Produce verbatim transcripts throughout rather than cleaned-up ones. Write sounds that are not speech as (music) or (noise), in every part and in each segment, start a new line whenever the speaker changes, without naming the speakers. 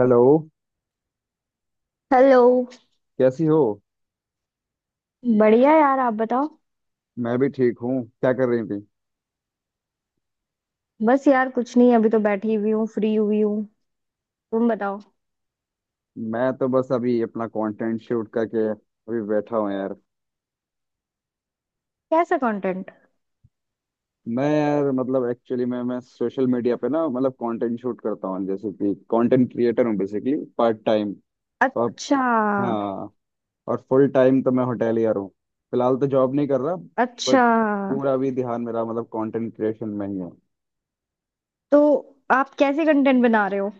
Hello.
Hello.
कैसी हो।
बढ़िया यार, आप बताओ।
मैं भी ठीक हूँ। क्या कर रही थी।
बस यार कुछ नहीं, अभी तो बैठी हुई हूँ, फ्री हुई हूँ। तुम बताओ।
मैं तो बस अभी अपना कंटेंट शूट करके अभी बैठा हूँ यार।
कैसा कंटेंट?
मैं यार मतलब एक्चुअली मैं मैं सोशल मीडिया पे ना मतलब कंटेंट शूट करता हूँ जैसे कि कंटेंट क्रिएटर हूँ बेसिकली पार्ट टाइम। और
अच्छा।
हाँ। और फुल टाइम तो मैं होटेलियर हूँ। फिलहाल तो जॉब नहीं कर रहा।
अच्छा,
बट पूरा भी ध्यान मेरा मतलब कंटेंट क्रिएशन में ही है।
तो आप कैसे कंटेंट बना रहे हो?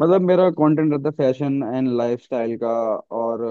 मतलब मेरा कंटेंट रहता है फैशन एंड लाइफस्टाइल का। और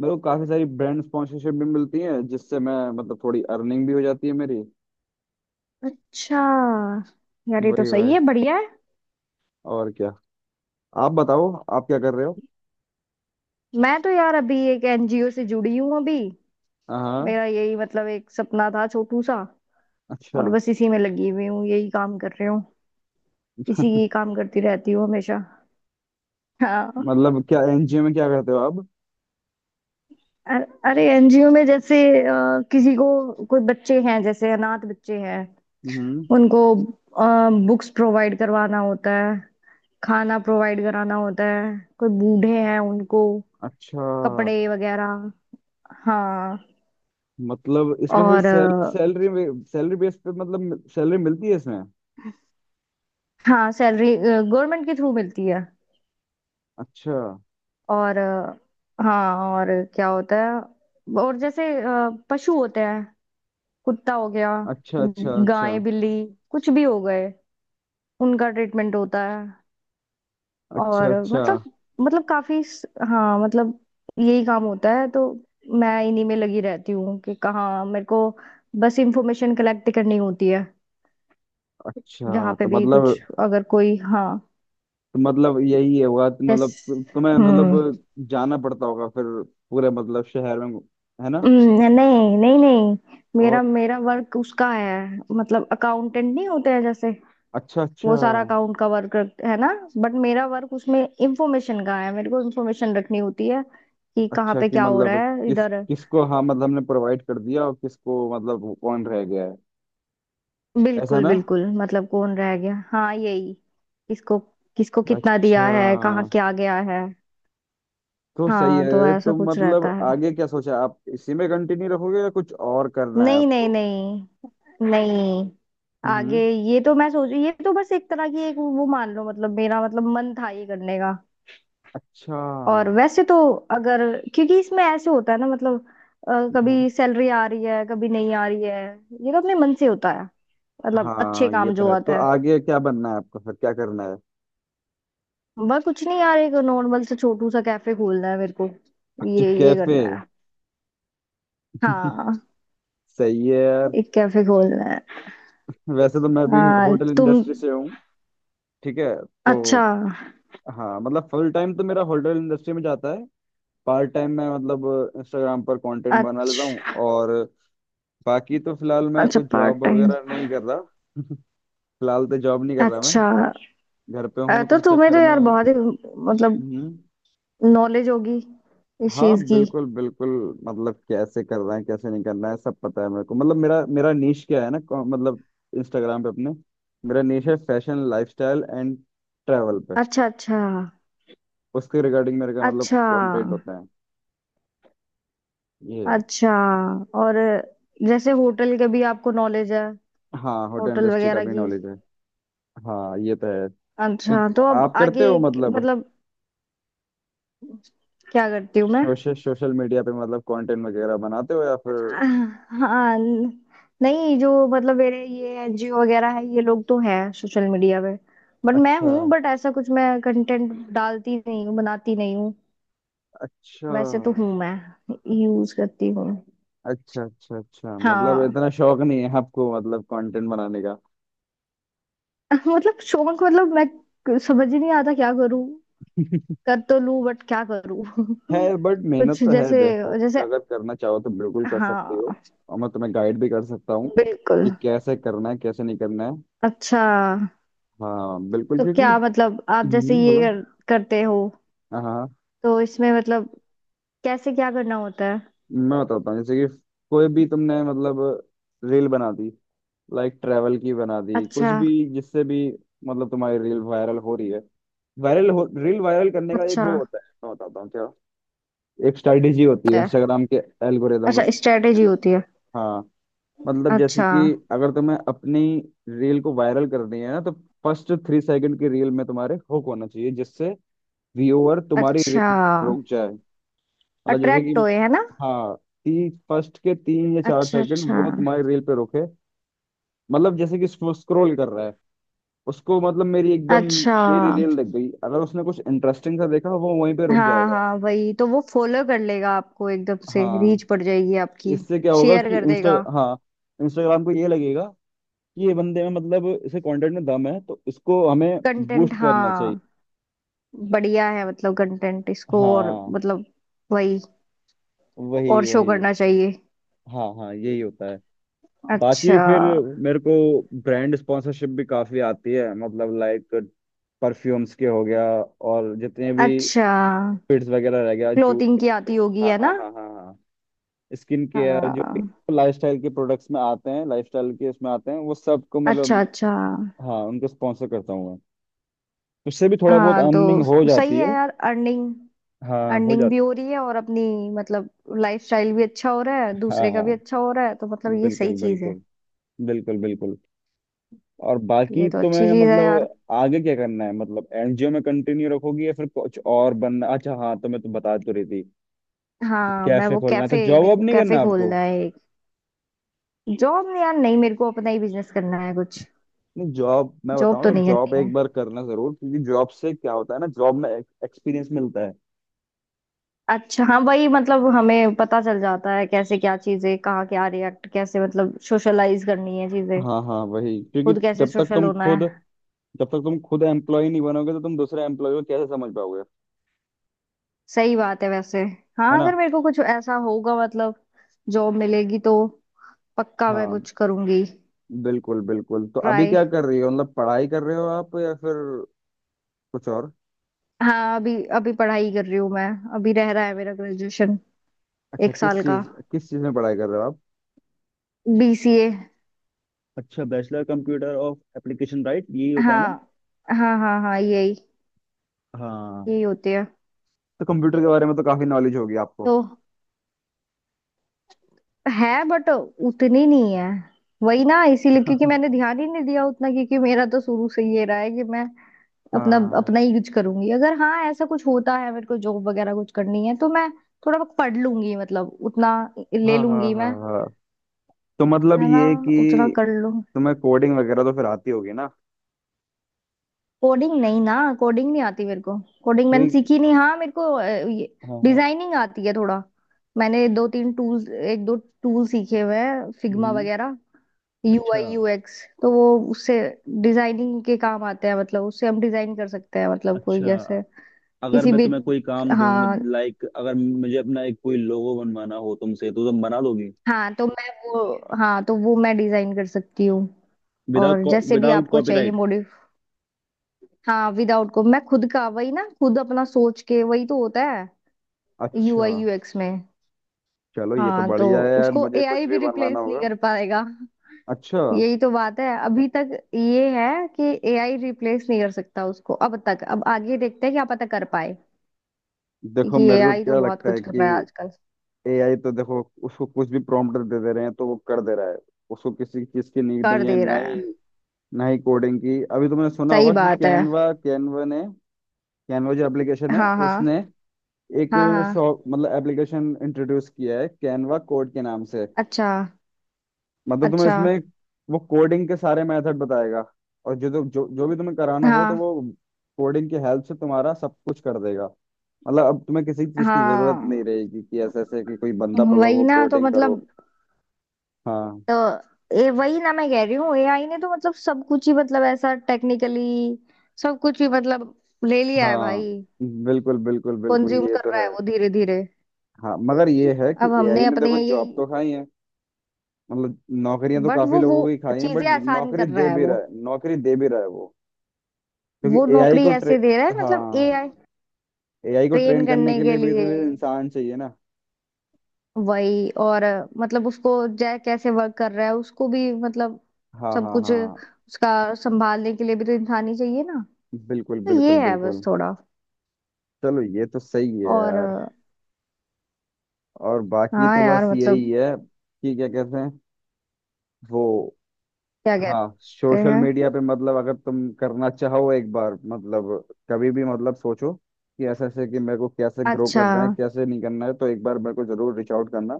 मेरे को काफी सारी ब्रांड स्पॉन्सरशिप भी मिलती है जिससे मैं मतलब थोड़ी अर्निंग भी हो जाती है मेरी।
अच्छा यार, ये तो
वही
सही
वही।
है, बढ़िया है।
और क्या। आप बताओ। आप क्या कर रहे हो।
मैं तो यार अभी एक एनजीओ से जुड़ी हूँ अभी।
हाँ।
मेरा यही मतलब एक सपना था छोटू सा। और
अच्छा।
बस इसी में लगी हुई हूँ, यही काम कर रही हूँ। इसी काम करती रहती हूँ हमेशा। हाँ।
मतलब क्या एनजीओ में क्या करते हो आप।
अ- अरे, एनजीओ में जैसे अ, किसी को, कोई बच्चे हैं, जैसे अनाथ बच्चे हैं,
हम्म।
उनको बुक्स प्रोवाइड करवाना होता है। खाना प्रोवाइड कराना होता है। कोई बूढ़े हैं, उनको
अच्छा।
कपड़े वगैरह। हाँ।
मतलब इसमें कोई
और अ,
सैलरी, सैलरी बेस पे मतलब सैलरी मिलती है इसमें।
हाँ, सैलरी गवर्नमेंट के थ्रू मिलती है।
अच्छा,
और अ, हाँ, और क्या होता है, और जैसे अ, पशु होते हैं। कुत्ता हो गया,
अच्छा, अच्छा, अच्छा,
गाय, बिल्ली, कुछ भी हो गए। उनका ट्रीटमेंट होता है।
अच्छा,
और
अच्छा,
मतलब, मतलब काफी स- हाँ, मतलब यही काम होता है तो। मैं इन्हीं में लगी रहती हूँ कि कहाँ मेरे को बस इंफॉर्मेशन कलेक्ट करनी होती है, जहाँ
अच्छा।
पे
तो
भी
मतलब
कुछ अगर कोई। हाँ।
तो मतलब यही है हुआ तो
बस।
मतलब तु- तुम्हें
हम्म।
मतलब जाना पड़ता होगा फिर पूरे मतलब शहर में, है ना।
हम्म, नहीं, नहीं, नहीं। मेरा
और
मेरा वर्क उसका है। मतलब अकाउंटेंट नहीं होते हैं जैसे,
अच्छा, अच्छा,
वो सारा अकाउंट का वर्क, है ना। बट मेरा वर्क उसमें इंफॉर्मेशन का है, मेरे को इंफॉर्मेशन रखनी होती है कि कहाँ
अच्छा
पे
कि
क्या हो
मतलब
रहा है
किस
इधर।
किसको हाँ मतलब हमने प्रोवाइड कर दिया और किसको मतलब कौन रह गया है, ऐसा
बिल्कुल
ना।
बिल्कुल, मतलब कौन रह गया, हाँ यही। किसको, किसको कितना
अच्छा।
दिया है, कहाँ क्या गया है।
तो सही
हाँ, तो
है
ऐसा
तो
कुछ रहता
मतलब
है।
आगे क्या सोचा आप इसी में कंटिन्यू रखोगे या कुछ और करना है
नहीं, नहीं,
आपको।
नहीं। नहीं। आगे
हम्म।
ये तो मैं सोच, ये तो बस एक तरह की एक वो मान लो, मतलब मेरा मतलब मन था ये करने का।
अच्छा।
और वैसे तो, अगर, क्योंकि इसमें ऐसे होता है ना, मतलब अ,
हाँ
कभी सैलरी आ रही है, कभी नहीं आ रही है, ये तो अपने मन से होता है। मतलब अच्छे
हाँ, ये
काम
तो
जो
है तो
आता है।
आगे क्या बनना है आपको फिर क्या करना है।
बस कुछ नहीं यार, एक नॉर्मल से छोटू सा कैफे खोलना है मेरे को।
अच्छा,
ये ये
कैफे।
करना है।
(laughs)
हाँ।
सही है यार।
एक कैफे खोलना है।
वैसे तो मैं भी
हाँ,
होटल
तुम।
इंडस्ट्री से हूँ। ठीक है तो
अच्छा।
हाँ मतलब फुल टाइम तो मेरा होटल इंडस्ट्री में जाता है। पार्ट टाइम मैं मतलब इंस्टाग्राम पर कंटेंट बना लेता हूँ
अच्छा,
और बाकी तो फिलहाल मैं
अच्छा
कोई
पार्ट
जॉब
टाइम।
वगैरह नहीं कर रहा। (laughs) फिलहाल तो जॉब नहीं कर रहा मैं।
अच्छा,
घर पे
अ,
हूँ तो
तो
उस
तुम्हें तो
चक्कर में।
यार बहुत ही मतलब
हम्म।
नॉलेज होगी इस
हाँ
चीज की।
बिल्कुल बिल्कुल। मतलब कैसे करना है कैसे नहीं करना है सब पता है मेरे को। मतलब मेरा मेरा नीश क्या है ना कौ- मतलब इंस्टाग्राम पे अपने, मेरा नीश है फैशन लाइफस्टाइल एंड ट्रैवल।
अच्छा अच्छा
उसके रिगार्डिंग मेरे का मतलब
अच्छा।
कंटेंट होता है। ये है।
अच्छा। और जैसे होटल के भी आपको नॉलेज है,
हाँ, होटल
होटल
इंडस्ट्री का
वगैरह
भी
की।
नॉलेज है। हाँ ये तो है।
अच्छा,
तो
तो अब
आप करते
आगे।
हो
क-
मतलब
मतलब, क्या करती हूँ मैं?
सोशल सोशल मीडिया पे मतलब कंटेंट वगैरह बनाते हो या फिर।
हाँ। नहीं, जो मतलब मेरे ये एनजीओ वगैरह है, ये लोग तो हैं सोशल मीडिया पे। बट मैं
अच्छा,
हूँ, बट ऐसा कुछ मैं कंटेंट डालती नहीं हूँ, बनाती नहीं हूँ।
अच्छा,
वैसे तो हूँ मैं, यूज करती हूँ।
अच्छा, अच्छा, अच्छा। मतलब
हाँ।
इतना शौक नहीं है आपको मतलब कंटेंट बनाने का।
(laughs) मतलब शौक, मतलब मैं समझ ही नहीं आता क्या करूँ।
(laughs)
कर तो लूँ बट क्या करूँ?
है बट
(laughs)
मेहनत
कुछ
तो है
जैसे,
देखो।
जैसे।
अगर करना चाहो तो बिल्कुल कर सकते हो।
हाँ।
और मैं तुम्हें गाइड भी कर सकता हूँ
बिल्कुल।
कि कैसे करना है कैसे नहीं करना है।
अच्छा,
हाँ बिल्कुल
तो
क्योंकि।
क्या मतलब आप जैसे
हम्म,
ये
बोलो।
कर, करते हो,
हाँ,
तो इसमें मतलब कैसे क्या करना होता है?
मैं बताता हूँ जैसे कि कोई भी तुमने मतलब रील बना दी, लाइक ट्रैवल की बना दी
अच्छा।
कुछ भी, जिससे भी मतलब तुम्हारी रील वायरल हो रही है। वायरल हो रील वायरल करने का एक
अच्छा,
वो होता है, मैं बताता हूँ क्या। एक स्ट्रेटेजी होती है
होता है।
इंस्टाग्राम के एल्गोरिदम
अच्छा,
का।
स्ट्रेटेजी होती है।
हाँ। मतलब जैसे
अच्छा।
कि अगर तुम्हें अपनी रील को वायरल करनी है ना तो फर्स्ट थ्री सेकंड की रील में तुम्हारे हुक होना चाहिए जिससे व्यूअर तुम्हारी
अच्छा,
रील रुक जाए। मतलब जैसे कि
अट्रैक्ट होए, है ना।
हाँ, तीन, फर्स्ट के तीन या चार
अच्छा
सेकंड
अच्छा।
वो तुम्हारी रील पे रुके। मतलब जैसे कि स्क्रॉल कर रहा है उसको मतलब मेरी एकदम,
अच्छा।
मेरी रील लग गई, अगर उसने कुछ इंटरेस्टिंग सा देखा वो वहीं पे रुक
हाँ
जाएगा।
हाँ, वही तो, वो फॉलो कर लेगा आपको, एकदम से
हाँ,
रीच पड़ जाएगी आपकी।
इससे क्या होगा
शेयर
कि
कर
इंस्टा
देगा।
हाँ इंस्टाग्राम को ये लगेगा कि ये बंदे में मतलब इसे कंटेंट में दम है तो इसको हमें
कंटेंट,
बूस्ट करना चाहिए।
हाँ। बढ़िया है, मतलब कंटेंट इसको और,
हाँ
मतलब वही,
वही
और शो
वही।
करना चाहिए।
हाँ हाँ यही होता है। बाकी
अच्छा।
फिर मेरे को ब्रांड स्पॉन्सरशिप भी काफी आती है मतलब लाइक परफ्यूम्स के हो गया। और जितने भी
अच्छा।
फिट्स वगैरह रह गया,
क्लोथिंग
जूते।
की आती होगी,
हाँ
है
हाँ
ना।
हाँ हाँ हाँ। स्किन केयर जो भी
हाँ।
लाइफस्टाइल के प्रोडक्ट्स में आते हैं, लाइफस्टाइल के इसमें आते हैं वो सबको
अच्छा
मतलब।
अच्छा।
हाँ, उनको स्पॉन्सर करता हूँ मैं। उससे भी थोड़ा बहुत
हाँ,
अर्निंग हो
तो सही
जाती
है
है।
यार, अर्निंग।
हाँ हो
अर्निंग भी
जाती
हो रही है और अपनी, मतलब लाइफस्टाइल भी अच्छा हो रहा है,
है। हाँ
दूसरे का
हाँ
भी अच्छा हो रहा है, तो मतलब ये
बिल्कुल
सही चीज है।
बिल्कुल बिल्कुल बिल्कुल। और बाकी
ये तो अच्छी
तुम्हें
चीज है यार।
मतलब आगे क्या करना है मतलब एनजीओ में कंटिन्यू रखोगी या फिर कुछ और बनना। अच्छा हाँ तो मैं तो बता तो रही थी।
हाँ, मैं
कैफे
वो
खोलना है तो
कैफे,
जॉब
मेरे
वॉब
को
नहीं
कैफे
करना आपको।
खोलना है एक। जॉब नहीं यार, नहीं, मेरे को अपना ही बिजनेस करना है कुछ।
नहीं जॉब, मैं
जॉब तो
बताऊँ तो
नहीं
जॉब
करनी है।
एक बार करना जरूर क्योंकि जॉब से क्या होता है ना, जॉब में एक्सपीरियंस मिलता है।
अच्छा, हाँ, वही, मतलब हमें पता चल जाता है कैसे, क्या चीजें, कहाँ क्या रिएक्ट, कैसे मतलब सोशलाइज करनी है चीजें,
हाँ हाँ वही क्योंकि
खुद कैसे
जब तक
सोशल
तुम
होना
खुद
है।
जब तक तुम खुद एम्प्लॉय नहीं बनोगे तो तुम दूसरे एम्प्लॉय को कैसे समझ पाओगे।
सही बात है वैसे।
है
हाँ,
ना।
अगर मेरे को कुछ ऐसा होगा मतलब जॉब मिलेगी, तो पक्का मैं
हाँ
कुछ करूंगी।
बिल्कुल बिल्कुल। तो अभी
ट्राई।
क्या कर रही हो मतलब पढ़ाई कर रहे हो आप या फिर कुछ और।
हाँ, अभी अभी पढ़ाई कर रही हूँ मैं। अभी रह रहा है मेरा ग्रेजुएशन,
अच्छा,
एक
किस
साल का,
चीज किस चीज में पढ़ाई कर रहे हो आप।
बीसीए।
अच्छा, bachelor computer of application right, यही होता है ना।
हाँ हाँ हाँ हाँ, यही,
हाँ
यही होती है।
तो कंप्यूटर के बारे में तो काफी नॉलेज होगी आपको।
तो है, बट उतनी नहीं है। वही ना, इसीलिए क्योंकि
(laughs)
मैंने ध्यान ही नहीं दिया उतना, क्योंकि मेरा तो शुरू से ये रहा है कि मैं अपना
हाँ
अपना ही कुछ करूंगी। अगर हाँ, ऐसा कुछ होता है मेरे को, जॉब वगैरह कुछ करनी है, तो मैं थोड़ा बहुत पढ़ लूंगी, मतलब उतना ले
हाँ हाँ
लूंगी
हाँ
मैं,
हाँ। तो मतलब
है ना,
ये
उतना
कि
कर लूं।
तुम्हें कोडिंग वगैरह तो फिर आती होगी ना।
कोडिंग नहीं ना, कोडिंग नहीं आती मेरे को, कोडिंग मैंने
ठीक।
सीखी नहीं, हाँ मेरे को।
हाँ हाँ,
डिजाइनिंग आती है थोड़ा। मैंने दो तीन टूल्स, एक दो टूल सीखे हुए हैं, फिग्मा
हम्म।
वगैरह,
अच्छा,
यूआई यूएक्स। तो वो, उससे डिजाइनिंग के काम आते हैं, मतलब उससे हम डिजाइन कर सकते हैं, मतलब कोई,
अच्छा,
जैसे
अगर
किसी
मैं
भी।
तुम्हें कोई काम दूं,
हाँ।
लाइक अगर मुझे अपना एक कोई लोगो बनवाना हो तुमसे तो तुम बना दोगे।
हाँ, तो मैं वो, हाँ तो वो मैं डिजाइन कर सकती हूँ, और
विदाउट
जैसे भी
विदाउट
आपको चाहिए,
कॉपीराइट।
मॉडिफ। हाँ, विदाउट को मैं खुद का, वही ना, खुद अपना सोच के, वही तो होता है
अच्छा
यूआई यूएक्स में।
चलो, ये तो
हाँ, तो
बढ़िया है यार,
उसको
मुझे कुछ
एआई
भी
भी
बनवाना
रिप्लेस नहीं
होगा।
कर पाएगा।
अच्छा।
यही तो बात है, अभी तक ये है कि एआई रिप्लेस नहीं कर सकता उसको अब तक। अब आगे देखते हैं, क्या पता कर पाए।
देखो,
क्योंकि
मेरे को
एआई तो
क्या
बहुत
लगता है
कुछ कर
कि
रहा है आजकल,
एआई तो देखो उसको कुछ भी प्रॉम्प्ट दे दे रहे हैं तो वो कर दे रहा है। उसको किसी चीज की नीड
कर
नहीं है,
दे
ना
रहा
ही
है।
ना ही कोडिंग की। अभी तुमने सुना
सही
होगा कि
बात है।
कैनवा कैनवा ने कैनवा जो एप्लीकेशन है
हाँ
उसने
हाँ
एक
हाँ हाँ।
सॉ मतलब एप्लीकेशन इंट्रोड्यूस किया है कैनवा कोड के नाम से।
अच्छा
मतलब तुम्हें
अच्छा।
इसमें वो कोडिंग के सारे मेथड बताएगा और जो जो जो भी तुम्हें कराना हो तो
हाँ
वो कोडिंग की हेल्प से तुम्हारा सब कुछ कर देगा। मतलब अब तुम्हें किसी चीज की जरूरत नहीं
हाँ,
रहेगी कि ऐसे ऐसे कि कोई बंदा पकड़ो
वही
वो
ना, तो
कोडिंग करो।
मतलब,
हाँ
तो ए, वही ना, मैं कह रही हूँ एआई ने तो मतलब सब कुछ ही, मतलब ऐसा टेक्निकली सब कुछ ही, मतलब ले लिया है
हाँ,
भाई।
बिल्कुल बिल्कुल बिल्कुल
कंज्यूम
ये
कर
तो
रहा है
है।
वो धीरे धीरे।
हाँ मगर ये है कि
अब
एआई
हमने
ने
अपने
देखो
ये,
जॉब तो खाई है मतलब नौकरियां तो
बट
काफी
वो वो
लोगों की खाई हैं।
चीजें
बट
आसान
नौकरी
कर रहा
दे
है
भी
वो।
रहा है, नौकरी दे भी रहा है वो।
वो
क्योंकि एआई
नौकरी
को ट्रे
ऐसे दे रहा है, मतलब
हाँ
एआई
एआई को
ट्रेन
ट्रेन करने
करने
के
के
लिए भी
लिए,
तो ये इंसान चाहिए ना।
वही, और मतलब उसको जय कैसे वर्क कर रहा है, उसको भी मतलब
हाँ
सब
हाँ
कुछ
हाँ,
उसका संभालने के लिए भी तो इंसान ही चाहिए ना।
बिल्कुल
तो
बिल्कुल
ये है बस
बिल्कुल।
थोड़ा,
चलो ये तो सही है
और
यार।
अ,
और बाकी
हाँ
तो
यार,
बस यही
मतलब
है कि क्या कहते हैं वो।
क्या
हाँ,
कहते
सोशल
हैं।
मीडिया पे मतलब अगर तुम करना चाहो एक बार मतलब, कभी भी मतलब सोचो कि ऐसे ऐसे कि मेरे को कैसे ग्रो
अच्छा।
करना है कैसे नहीं करना है तो एक बार मेरे को जरूर रीच आउट करना।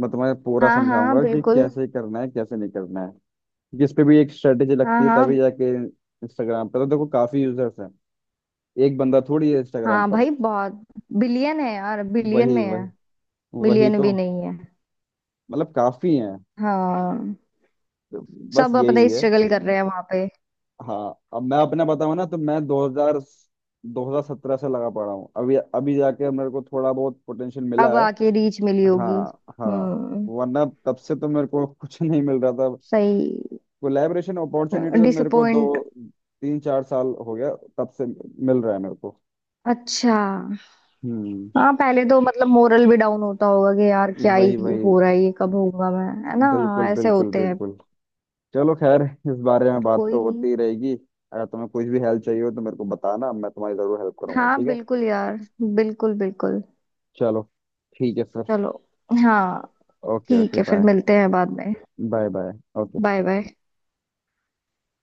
मैं तुम्हें पूरा
हाँ हाँ
समझाऊंगा कि
बिल्कुल।
कैसे करना है कैसे नहीं करना है। क्योंकि इस पे भी एक स्ट्रेटेजी
हाँ
लगती है
हाँ।
तभी जाके। इंस्टाग्राम पर तो देखो काफी यूजर्स हैं, एक बंदा थोड़ी है इंस्टाग्राम
हाँ
पर।
भाई, बहुत, बिलियन है यार, बिलियन
वही
में है।
वही। वही
मिलियन
तो
भी नहीं है।
मतलब काफी हैं।
हाँ,
तो बस
सब
यही
अपना
है।
स्ट्रगल कर रहे हैं वहां पे।
हाँ अब मैं अपना बताऊँ ना तो मैं 2000 दो हज़ार सत्रह से लगा पड़ा हूँ। अभी अभी जाके मेरे को थोड़ा बहुत पोटेंशियल
अब
मिला है।
आके रीच मिली होगी।
हाँ हाँ
हम्म।
वरना तब से तो मेरे को कुछ (laughs) नहीं मिल रहा था।
सही।
कोलैबोरेशन अपॉर्चुनिटी तो मेरे को दो
डिसअपॉइंट।
तीन चार साल हो गया, तब से मिल रहा है मेरे को।
अच्छा।
हम्म।
हाँ, पहले तो मतलब मोरल भी डाउन होता होगा कि यार क्या ही
वही वही।
हो रहा है, ये कब होगा, मैं, है ना।
बिल्कुल
ऐसे
बिल्कुल
होते हैं।
बिल्कुल। चलो खैर, इस बारे में
पर
बात
कोई
तो होती
नहीं।
ही रहेगी। अगर तुम्हें कुछ भी हेल्प चाहिए हो तो मेरे को बताना, मैं तुम्हारी जरूर हेल्प करूंगा,
हाँ
ठीक है।
बिल्कुल यार, बिल्कुल बिल्कुल।
चलो। ठीक है सर।
चलो। हाँ।
ओके
ठीक
ओके,
है, फिर
बाय।
मिलते हैं बाद में।
Bye bye. Okay.
Bye bye.